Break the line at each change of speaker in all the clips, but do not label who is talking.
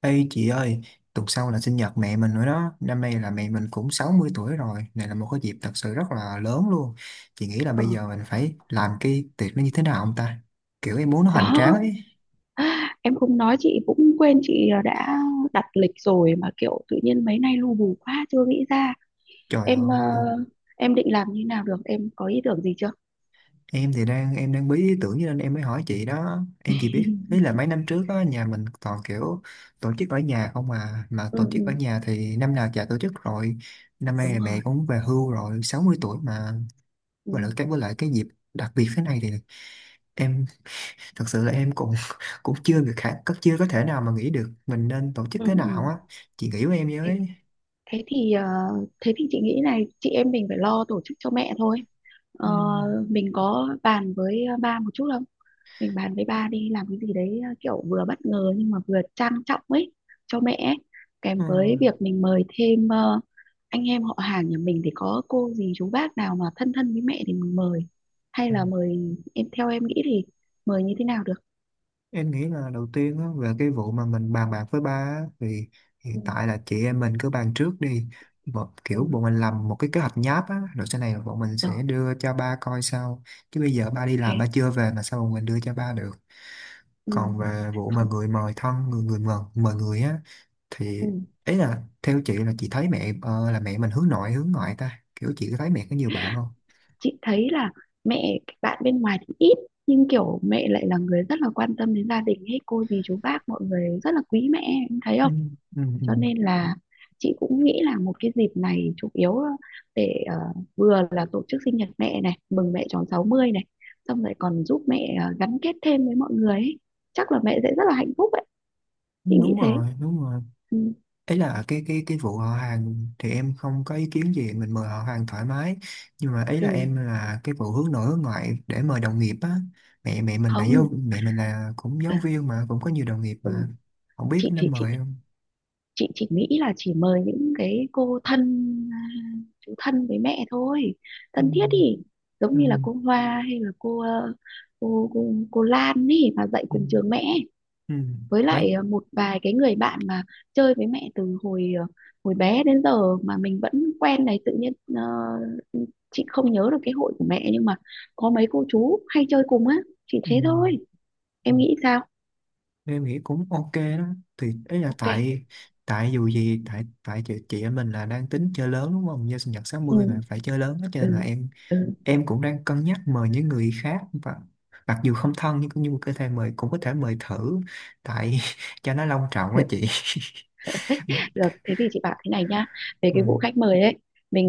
Ê chị ơi, tuần sau là sinh nhật mẹ mình nữa đó. Năm nay là mẹ mình cũng 60 tuổi rồi. Này là một cái dịp thật sự rất là lớn luôn. Chị nghĩ là
Ờ,
bây giờ mình phải làm cái tiệc nó như thế nào không ta? Kiểu em muốn nó hoành tráng
đó
ấy.
em không nói chị cũng quên. Chị đã đặt lịch rồi mà kiểu tự nhiên mấy nay lu bù quá chưa nghĩ ra.
Trời
Em
ơi,
em định làm như nào được, em có ý tưởng gì chưa?
em thì đang em đang bí ý tưởng cho nên em mới hỏi chị đó. Em chỉ biết, ý là mấy năm trước á, nhà mình toàn kiểu tổ chức ở nhà không mà. Mà
Ừ,
tổ chức ở
ừ,
nhà thì năm nào chả tổ chức rồi. Năm nay
đúng
là mẹ
rồi.
cũng về hưu rồi, 60 tuổi mà.
Ừ,
Và lại cái với lại cái dịp đặc biệt thế này thì em thật sự là em cũng cũng chưa được khả, chưa có thể nào mà nghĩ được mình nên tổ chức
ừ,
thế
ừ.
nào á chị nghĩ với em
Thế,
với.
thế thì ờ, thế thì chị nghĩ này, chị em mình phải lo tổ chức cho mẹ thôi. Ờ,
Ừm,
mình có bàn với ba một chút không? Mình bàn với ba đi làm cái gì đấy kiểu vừa bất ngờ nhưng mà vừa trang trọng ấy cho mẹ ấy. Kèm với
ừm,
việc mình mời thêm anh em họ hàng nhà mình thì có cô dì chú bác nào mà thân thân với mẹ thì mình mời, hay
ừm.
là mời em. Theo em nghĩ thì mời như thế nào được?
Em nghĩ là đầu tiên á, về cái vụ mà mình bàn bạc với ba á, thì
Ừ,
hiện tại là chị em mình cứ bàn trước đi, một
ừ,
kiểu bọn mình làm một cái kế hoạch nháp á rồi sau này bọn mình
rồi.
sẽ đưa cho ba coi sau, chứ bây giờ ba đi làm ba
Ok.
chưa về mà sao bọn mình đưa cho ba được.
Ừ,
Còn về vụ mà
không.
người mời thân người người mời mời người á, thì
Ừ.
ấy là theo chị, là chị thấy mẹ là mẹ mình hướng nội hướng ngoại ta, kiểu chị có thấy mẹ có nhiều bạn không?
Chị thấy là mẹ bạn bên ngoài thì ít, nhưng kiểu mẹ lại là người rất là quan tâm đến gia đình ấy, cô dì chú bác mọi người rất là quý mẹ, em thấy
Ừ,
không?
ừ, ừ.
Cho nên là chị cũng nghĩ là một cái dịp này chủ yếu là để vừa là tổ chức sinh nhật mẹ này, mừng mẹ tròn 60 này, xong rồi còn giúp mẹ gắn kết thêm với mọi người ấy. Chắc là mẹ sẽ rất là hạnh phúc ấy, chị nghĩ
Đúng
thế.
rồi, đúng rồi.
Ừ.
Ấy là cái vụ họ hàng thì em không có ý kiến gì, mình mời họ hàng thoải mái, nhưng mà ấy là
Ừ.
em là cái vụ hướng nội hướng ngoại để mời đồng nghiệp á. mẹ mẹ mình là giáo
Không.
mẹ mình là cũng
Ừ.
giáo viên mà cũng có nhiều đồng nghiệp
Ừ.
mà, không biết
chị
có nên
thì
mời không.
chị chỉ nghĩ là chỉ mời những cái cô thân, à, chú thân với mẹ thôi,
Ừ,
thân thiết thì giống
ừ,
như là cô Hoa, hay là cô cô Lan ấy mà dạy
ừ,
cùng trường mẹ,
ừ.
với
Mấy.
lại một vài cái người bạn mà chơi với mẹ từ hồi hồi bé đến giờ mà mình vẫn quen này. Tự nhiên chị không nhớ được cái hội của mẹ, nhưng mà có mấy cô chú hay chơi cùng á, chỉ
Ừ.
thế thôi.
Ừ.
Em nghĩ sao?
Em nghĩ cũng ok đó, thì ấy là
Ok.
tại tại dù gì tại tại chị em mình là đang tính chơi lớn đúng không, nhân sinh nhật sáu
Ừ.
mươi mà phải chơi lớn đó, cho nên là
Ừ. Ừ.
em cũng đang cân nhắc mời những người khác, và mặc dù không thân nhưng cũng như có thể mời, cũng có thể mời thử. Tại cho nó long trọng quá
Ừ.
chị.
Được, thế thì chị bảo thế này nhá. Về
Ừ,
cái vụ khách mời ấy,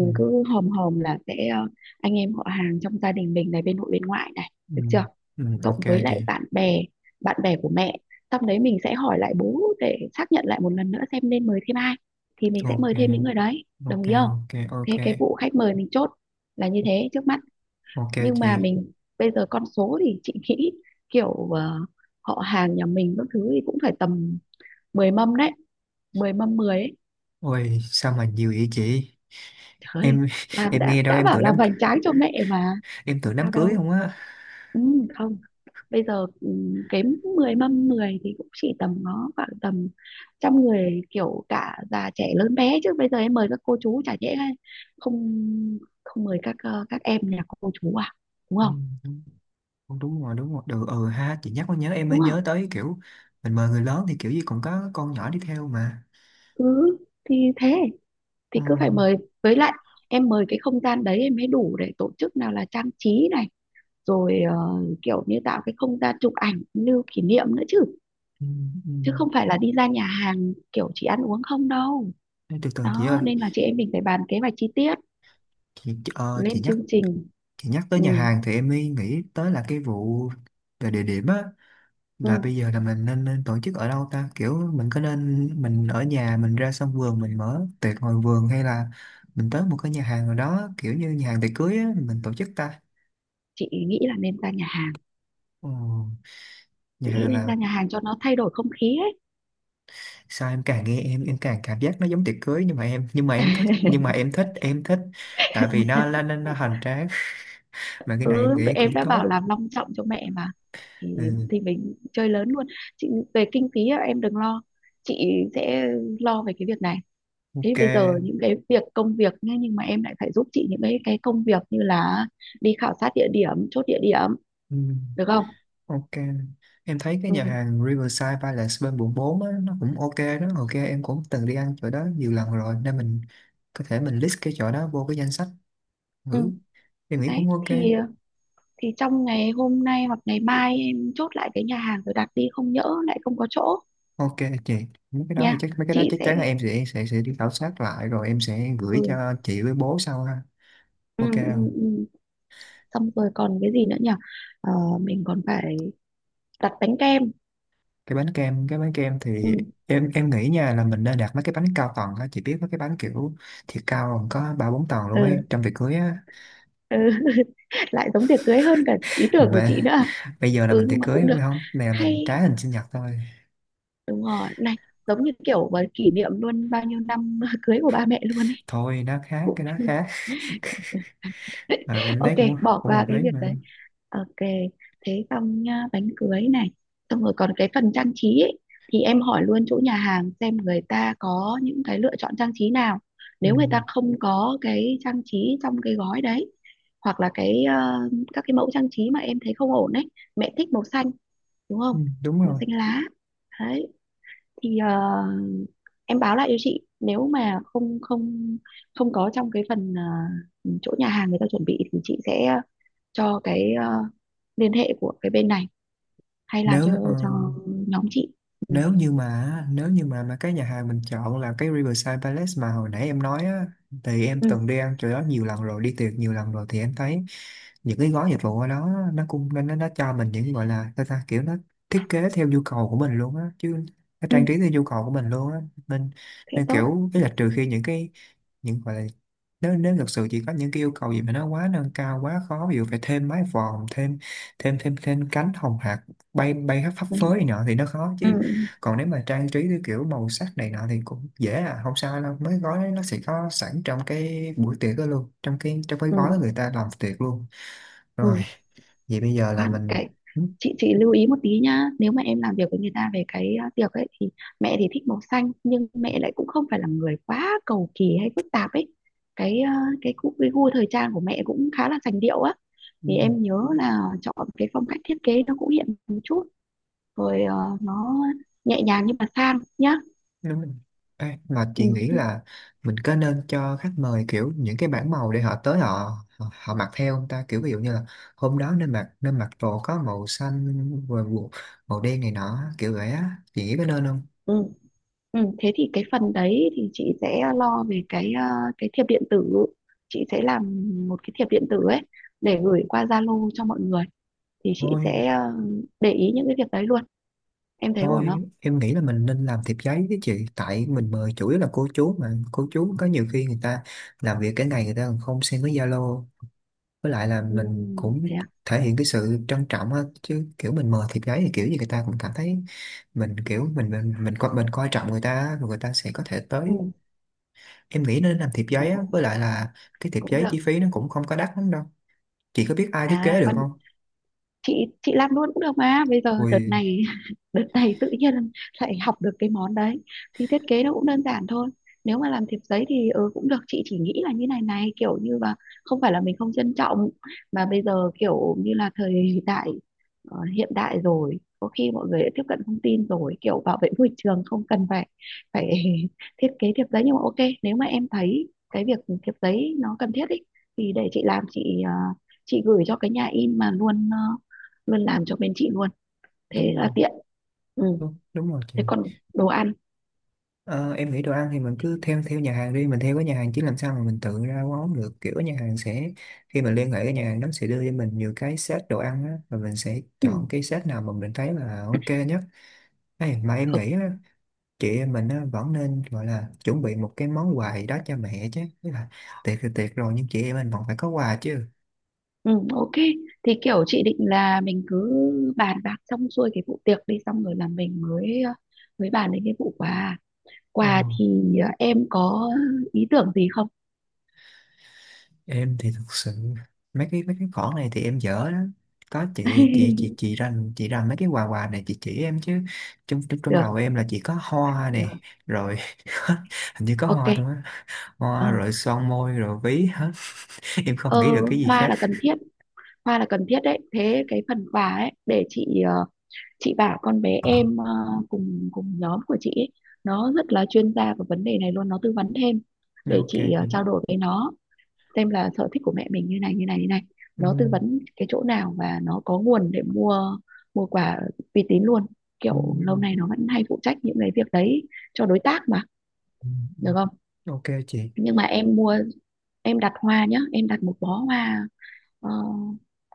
ừ,
cứ hòm hòm là sẽ anh em họ hàng trong gia đình mình này, bên nội bên ngoại này,
ừ,
được chưa?
ừ, ok
Cộng với lại
chị.
bạn bè của mẹ. Xong đấy mình sẽ hỏi lại bố để xác nhận lại một lần nữa xem nên mời thêm ai. Thì mình sẽ
Ok
mời thêm những người đấy, đồng
ok
ý không?
ok ok
Thế cái vụ khách mời mình chốt là như thế trước mắt.
ok
Nhưng mà
chị.
mình bây giờ con số thì chị nghĩ kiểu họ hàng nhà mình các thứ thì cũng phải tầm 10 mâm đấy. 10 mâm mười ấy.
Ôi sao mà nhiều vậy chị,
Thôi,
em
làm,
em nghe đâu
đã
em
bảo
tưởng
làm
đám,
hoành tráng cho mẹ mà.
em
Không
tưởng đám
sao
cưới
đâu.
không á.
Ừ, không. Bây giờ kém 10 mâm 10 thì cũng chỉ tầm nó khoảng tầm trăm người, kiểu cả già trẻ lớn bé. Chứ bây giờ em mời các cô chú chả dễ, hay không, không mời các các em nhà cô chú à, đúng
Ừ,
không?
đúng đúng rồi, đúng rồi. Ừ, ừ ha chị nhắc mới nhớ em mới
Đúng
nhớ
không?
tới, kiểu mình mời người lớn thì kiểu gì cũng có con nhỏ đi theo mà.
Ừ, thì thế
Ừ,
thì cứ phải mời. Với lại em mời cái không gian đấy em mới đủ để tổ chức, nào là trang trí này, rồi kiểu như tạo cái không gian chụp ảnh lưu kỷ niệm nữa chứ,
ừ, ừ.
chứ không phải là đi ra nhà hàng kiểu chỉ ăn uống không đâu.
Ê, từ từ chị
Đó
ơi,
nên là chị em mình phải bàn kế hoạch chi tiết,
chị chị- ờ, chị
lên
nhắc
chương trình.
chị nhắc tới
Ừ,
nhà hàng thì em mới nghĩ tới là cái vụ về địa điểm á, là
ừ.
bây giờ là mình nên tổ chức ở đâu ta, kiểu mình có nên mình ở nhà mình ra sân vườn mình mở tiệc ngoài vườn, hay là mình tới một cái nhà hàng nào đó kiểu như nhà hàng tiệc cưới á mình tổ chức ta.
Chị nghĩ là nên ra nhà hàng.
Ừ. Nhà
Chị nghĩ
hàng
nên
là
ra nhà hàng cho nó thay đổi không khí ấy.
sao em càng nghe em càng cảm giác nó giống tiệc cưới, nhưng mà em thích, nhưng mà em thích tại vì nó hoành tráng. Mà cái này em
Ừ, vậy
nghĩ cũng
em đã bảo
tốt.
làm long trọng cho mẹ mà, thì,
Ừ,
thì mình chơi lớn luôn. Chị về kinh phí á, em đừng lo, chị sẽ lo về cái việc này. Thế
ok.
bây giờ những cái việc công việc nhá, nhưng mà em lại phải giúp chị những cái công việc như là đi khảo sát địa điểm, chốt địa điểm,
Ừ,
được không?
ok. Em thấy cái
Ừ.
nhà hàng Riverside Palace bên quận 4 á, nó cũng ok đó, ok, em cũng từng đi ăn chỗ đó nhiều lần rồi nên mình có thể mình list cái chỗ đó vô cái danh sách
Ừ,
thử, em nghĩ
đấy
cũng ok.
thì thì trong ngày hôm nay hoặc ngày mai em chốt lại cái nhà hàng rồi đặt đi, không nhỡ lại không có chỗ.
Ok chị.
Nha,
Mấy cái đó
chị
chắc
sẽ,
chắn là em sẽ đi khảo sát lại rồi em sẽ gửi
ừ,
cho chị với bố sau ha.
ừ,
Ok,
ừ,
không?
ừ. Xong rồi còn cái gì nữa nhỉ? Ờ, mình còn phải đặt bánh kem.
Cái bánh kem, cái bánh kem thì
Ừ,
em nghĩ nha, là mình nên đặt mấy cái bánh cao tầng á, chị biết mấy cái bánh kiểu thiệt cao còn có ba bốn tầng luôn ấy
ừ,
trong tiệc cưới á.
ừ. Lại giống tiệc cưới hơn cả ý tưởng của chị
Mà
nữa.
bây giờ là
Ừ,
mình tiệc
nhưng mà cũng
cưới
được,
phải không? Nè mình
hay,
trái hình sinh nhật thôi.
đúng rồi này, giống như kiểu mà kỷ niệm luôn bao nhiêu năm cưới của ba mẹ luôn ấy,
Thôi nó khác,
cũng
cái đó khác. À, em
ok.
thấy cũng
Bỏ
cũng
qua
hợp
cái
lý
việc
mà.
đấy. Ok, thế xong nhá, bánh cưới này. Xong rồi còn cái phần trang trí ấy, thì em hỏi luôn chỗ nhà hàng xem người ta có những cái lựa chọn trang trí nào.
Ừ,
Nếu người ta không có cái trang trí trong cái gói đấy, hoặc là cái các cái mẫu trang trí mà em thấy không ổn đấy. Mẹ thích màu xanh, đúng không?
ừ, đúng
Màu
rồi.
xanh lá. Đấy thì em báo lại cho chị, nếu mà không không không có trong cái phần chỗ nhà hàng người ta chuẩn bị thì chị sẽ cho cái liên hệ của cái bên này hay làm cho
Nếu ờ,
nhóm chị. Ừ.
nếu như mà cái nhà hàng mình chọn là cái Riverside Palace mà hồi nãy em nói á, thì em
Ừ,
từng đi ăn chỗ đó nhiều lần rồi, đi tiệc nhiều lần rồi, thì em thấy những cái gói dịch vụ ở đó, nó cũng nó cho mình những gọi là sao ta, kiểu nó thiết kế theo nhu cầu của mình luôn á, chứ nó
ừ.
trang trí theo nhu cầu của mình luôn á, nên
Thế
nên
tốt.
kiểu cái là trừ khi những cái, những gọi là, nếu nếu thực sự chỉ có những cái yêu cầu gì mà nó quá nâng cao quá khó, ví dụ phải thêm mái vòm, thêm thêm thêm thêm cánh hồng hạc bay bay khắp phấp
Ừ.
phới này nọ thì nó khó
Ừ.
chứ, còn nếu mà trang trí theo kiểu màu sắc này nọ thì cũng dễ à, không sao đâu, mấy gói đấy nó sẽ có sẵn trong cái buổi tiệc đó luôn, trong cái
Ừ,
gói
ừ.
người ta làm tiệc luôn. Rồi,
Ừ.
vậy bây giờ là
Khoan
mình.
cái,
Ừ,
chị lưu ý một tí nhá. Nếu mà em làm việc với người ta về cái tiệc ấy thì mẹ thì thích màu xanh, nhưng mẹ lại cũng không phải là người quá cầu kỳ hay phức tạp ấy. Cái gu thời trang của mẹ cũng khá là sành điệu á, thì
ừ,
em nhớ là chọn cái phong cách thiết kế nó cũng hiện một chút, rồi nó nhẹ nhàng nhưng mà sang nhá.
đúng rồi. Ê, mà chị
Ừ,
nghĩ
ừ.
là mình có nên cho khách mời kiểu những cái bảng màu để họ tới họ họ, họ mặc theo không ta, kiểu ví dụ như là hôm đó nên mặc, nên mặc đồ có màu xanh, rồi màu màu đen này nọ kiểu vậy á, chị nghĩ có nên không?
Ừ. Ừ, thế thì cái phần đấy thì chị sẽ lo về cái cái thiệp điện tử. Chị sẽ làm một cái thiệp điện tử ấy để gửi qua Zalo cho mọi người. Thì chị
Thôi.
sẽ để ý những cái việc đấy luôn, em thấy ổn không?
Thôi em nghĩ là mình nên làm thiệp giấy với chị. Tại mình mời chủ yếu là cô chú mà, cô chú có nhiều khi người ta làm việc cái ngày, người ta còn không xem với Zalo. Với lại là
Ừ,
mình cũng
thế à?
thể hiện cái sự trân trọng á, chứ kiểu mình mời thiệp giấy thì kiểu gì người ta cũng cảm thấy Mình kiểu mình coi trọng người ta á, rồi người ta sẽ có thể tới.
Ừ.
Em nghĩ nên làm thiệp
Ồ,
giấy á, với lại là cái thiệp
cũng
giấy
được.
chi phí nó cũng không có đắt lắm đâu. Chị có biết ai
À
thiết kế được
quan
không?
Chị làm luôn cũng được mà, bây giờ đợt
Ui,
này đợt này tự nhiên lại học được cái món đấy, thì thiết kế nó cũng đơn giản thôi. Nếu mà làm thiệp giấy thì ừ, cũng được. Chị chỉ nghĩ là như này này, kiểu như là không phải là mình không trân trọng, mà bây giờ kiểu như là thời đại hiện đại rồi, có khi mọi người đã tiếp cận thông tin rồi, kiểu bảo vệ môi trường không cần phải phải thiết kế thiệp giấy. Nhưng mà ok, nếu mà em thấy cái việc thiệp giấy nó cần thiết ý, thì để chị làm. Chị chị gửi cho cái nhà in mà luôn luôn làm cho bên chị luôn, thế
đúng
là
rồi,
tiện. Ừ.
đúng, đúng rồi chị.
Thế còn đồ ăn?
Ờ, em nghĩ đồ ăn thì mình cứ thêm theo nhà hàng đi, mình theo cái nhà hàng, chứ làm sao mà mình tự ra món được, kiểu nhà hàng sẽ, khi mình liên hệ cái nhà hàng đó sẽ đưa cho mình nhiều cái set đồ ăn á, và mình sẽ
Ừ.
chọn cái set nào mà mình thấy là ok nhất. Ê, mà em
Được.
nghĩ á, chị em mình á, vẫn nên gọi là chuẩn bị một cái món quà gì đó cho mẹ chứ. Tức là tiệc thì tiệc rồi, nhưng chị em mình vẫn phải có quà chứ.
Ừ, ok. Thì kiểu chị định là mình cứ bàn bạc xong xuôi cái vụ tiệc đi, xong rồi là mình mới mới bàn đến cái vụ quà.
Ờ.
Quà thì em có ý tưởng gì không?
Em thì thực sự mấy cái khoản này thì em dở đó, có chị chị chị chị ra chị ra mấy cái quà quà này chị chỉ em chứ. Trong trong trong
Được,
đầu em là chỉ có hoa
được.
này, rồi hình như có
Ok.
hoa thôi á,
Ờ.
hoa rồi son môi rồi ví hết. Em không nghĩ
Ờ,
được cái gì
hoa
khác.
là cần thiết. Hoa là cần thiết đấy. Thế cái phần quà ấy để chị chị bảo con bé em ờ, cùng cùng nhóm của chị ấy, nó rất là chuyên gia về vấn đề này luôn, nó tư vấn thêm. Để
Ok
chị
chị.
trao đổi với nó xem là sở thích của mẹ mình như này như này như này, nó tư
Ừm,
vấn cái chỗ nào và nó có nguồn để mua, mua quà uy tín luôn, kiểu lâu
ừm,
nay nó vẫn hay phụ trách những cái việc đấy cho đối tác mà,
ừm,
được không?
ừm. Ok chị.
Nhưng mà em mua, em đặt hoa nhá, em đặt một bó hoa ờ,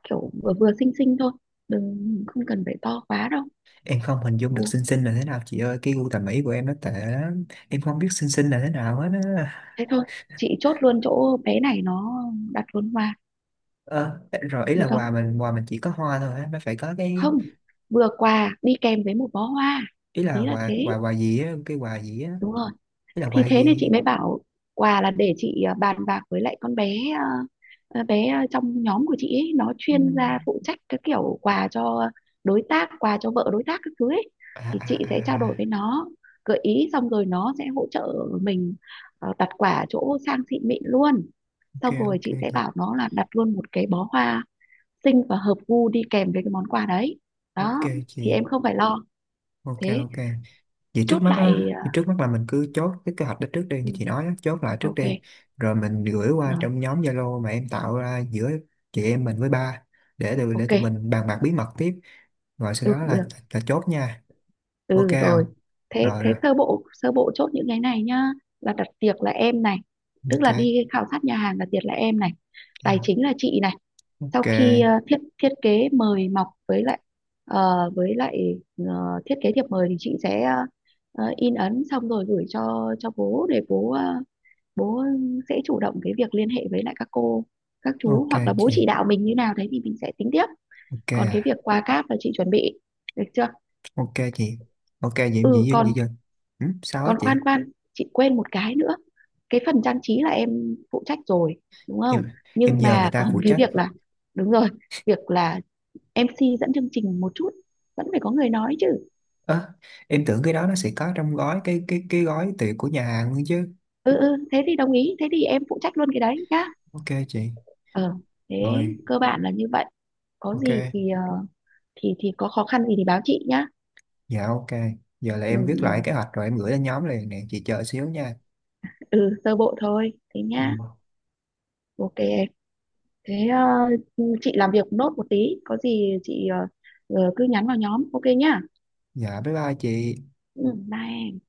kiểu vừa vừa xinh xinh thôi, đừng, không cần phải to quá đâu.
Em không hình dung được xinh xinh là thế nào chị ơi, cái gu thẩm mỹ của em nó tệ lắm, em không biết xinh xinh là thế nào hết á.
Thế thôi, chị chốt luôn chỗ bé này, nó đặt luôn hoa,
Ờ, rồi ý là
được
quà
không?
mình, quà mình chỉ có hoa thôi á, nó phải có cái,
Không, vừa quà đi kèm với một bó hoa.
ý là
Ý là
quà
thế,
quà quà gì á, cái quà gì á,
đúng rồi.
ý là
Thì
quà
thế nên chị
gì.
mới bảo quà là để chị bàn bạc với lại con bé bé trong nhóm của chị ấy, nó chuyên gia
Ừm.
phụ trách cái kiểu quà cho đối tác, quà cho vợ đối tác các thứ ấy,
À
thì
à
chị sẽ trao đổi với
à,
nó, gợi ý xong rồi nó sẽ hỗ trợ mình đặt quả chỗ sang xịn mịn luôn.
ok
Xong rồi
ok
chị sẽ
chị,
bảo nó là đặt luôn một cái bó hoa xinh và hợp gu đi kèm với cái món quà đấy, đó
ok
thì
chị,
em không phải lo.
ok
Thế
ok. Vậy trước
chốt
mắt
lại
á, vậy trước mắt là mình cứ chốt cái kế hoạch đó trước đi
ừ,
như chị nói á, chốt lại trước
ok.
đi, rồi mình gửi qua
Rồi,
trong nhóm Zalo mà em tạo ra giữa chị em mình với ba, để tụi để
ok.
tụi mình bàn bạc bí mật tiếp, rồi sau
Ừ,
đó
được.
là chốt nha, ok
Ừ,
không?
rồi. Thế
Rồi
thế
rồi,
sơ bộ chốt những cái này nhá. Là đặt tiệc là em này, tức
ok,
là đi khảo sát nhà hàng, đặt tiệc là em này.
dạ.
Tài chính là chị này. Sau
Ok.
khi ờ, thiết thiết kế mời mọc với lại ờ, với lại thiết kế thiệp mời, thì chị sẽ in ấn xong rồi gửi cho bố, để bố ờ, bố sẽ chủ động cái việc liên hệ với lại các cô các chú,
Ok
hoặc là bố
chị.
chỉ đạo mình như nào đấy thì mình sẽ tính tiếp.
Ok
Còn cái
à.
việc qua cáp là chị chuẩn bị, được chưa?
Ok chị. Ok vậy
Ừ.
em
Ừ.
gì gì
Còn,
dân. Ừ, sao á
còn,
chị?
khoan khoan, chị quên một cái nữa. Cái phần trang trí là em phụ trách rồi, đúng không?
em
Nhưng
em nhờ người
mà
ta
còn
phụ
cái
trách.
việc là, đúng rồi, việc là em MC dẫn chương trình một chút, vẫn phải có người nói chứ.
Ơ, em tưởng cái đó nó sẽ có trong gói cái gói tiệc của nhà hàng luôn chứ.
Ừ, ừ, thế thì đồng ý, thế thì em phụ trách luôn cái đấy nhá.
Ok chị.
Ờ, thế
Rồi.
cơ bản là như vậy. Có
Ok.
gì thì thì có khó khăn gì thì báo chị nhá.
Dạ ok. Giờ là
Ừ.
em viết lại
Ừ.
kế hoạch rồi em gửi lên nhóm liền nè chị, chờ xíu nha.
Ừ, sơ bộ thôi thế nhá.
Ừ.
Ok em. Thế chị làm việc nốt một tí, có gì chị cứ nhắn vào nhóm, ok nhá.
Dạ bye bye chị.
Ừ, bye em.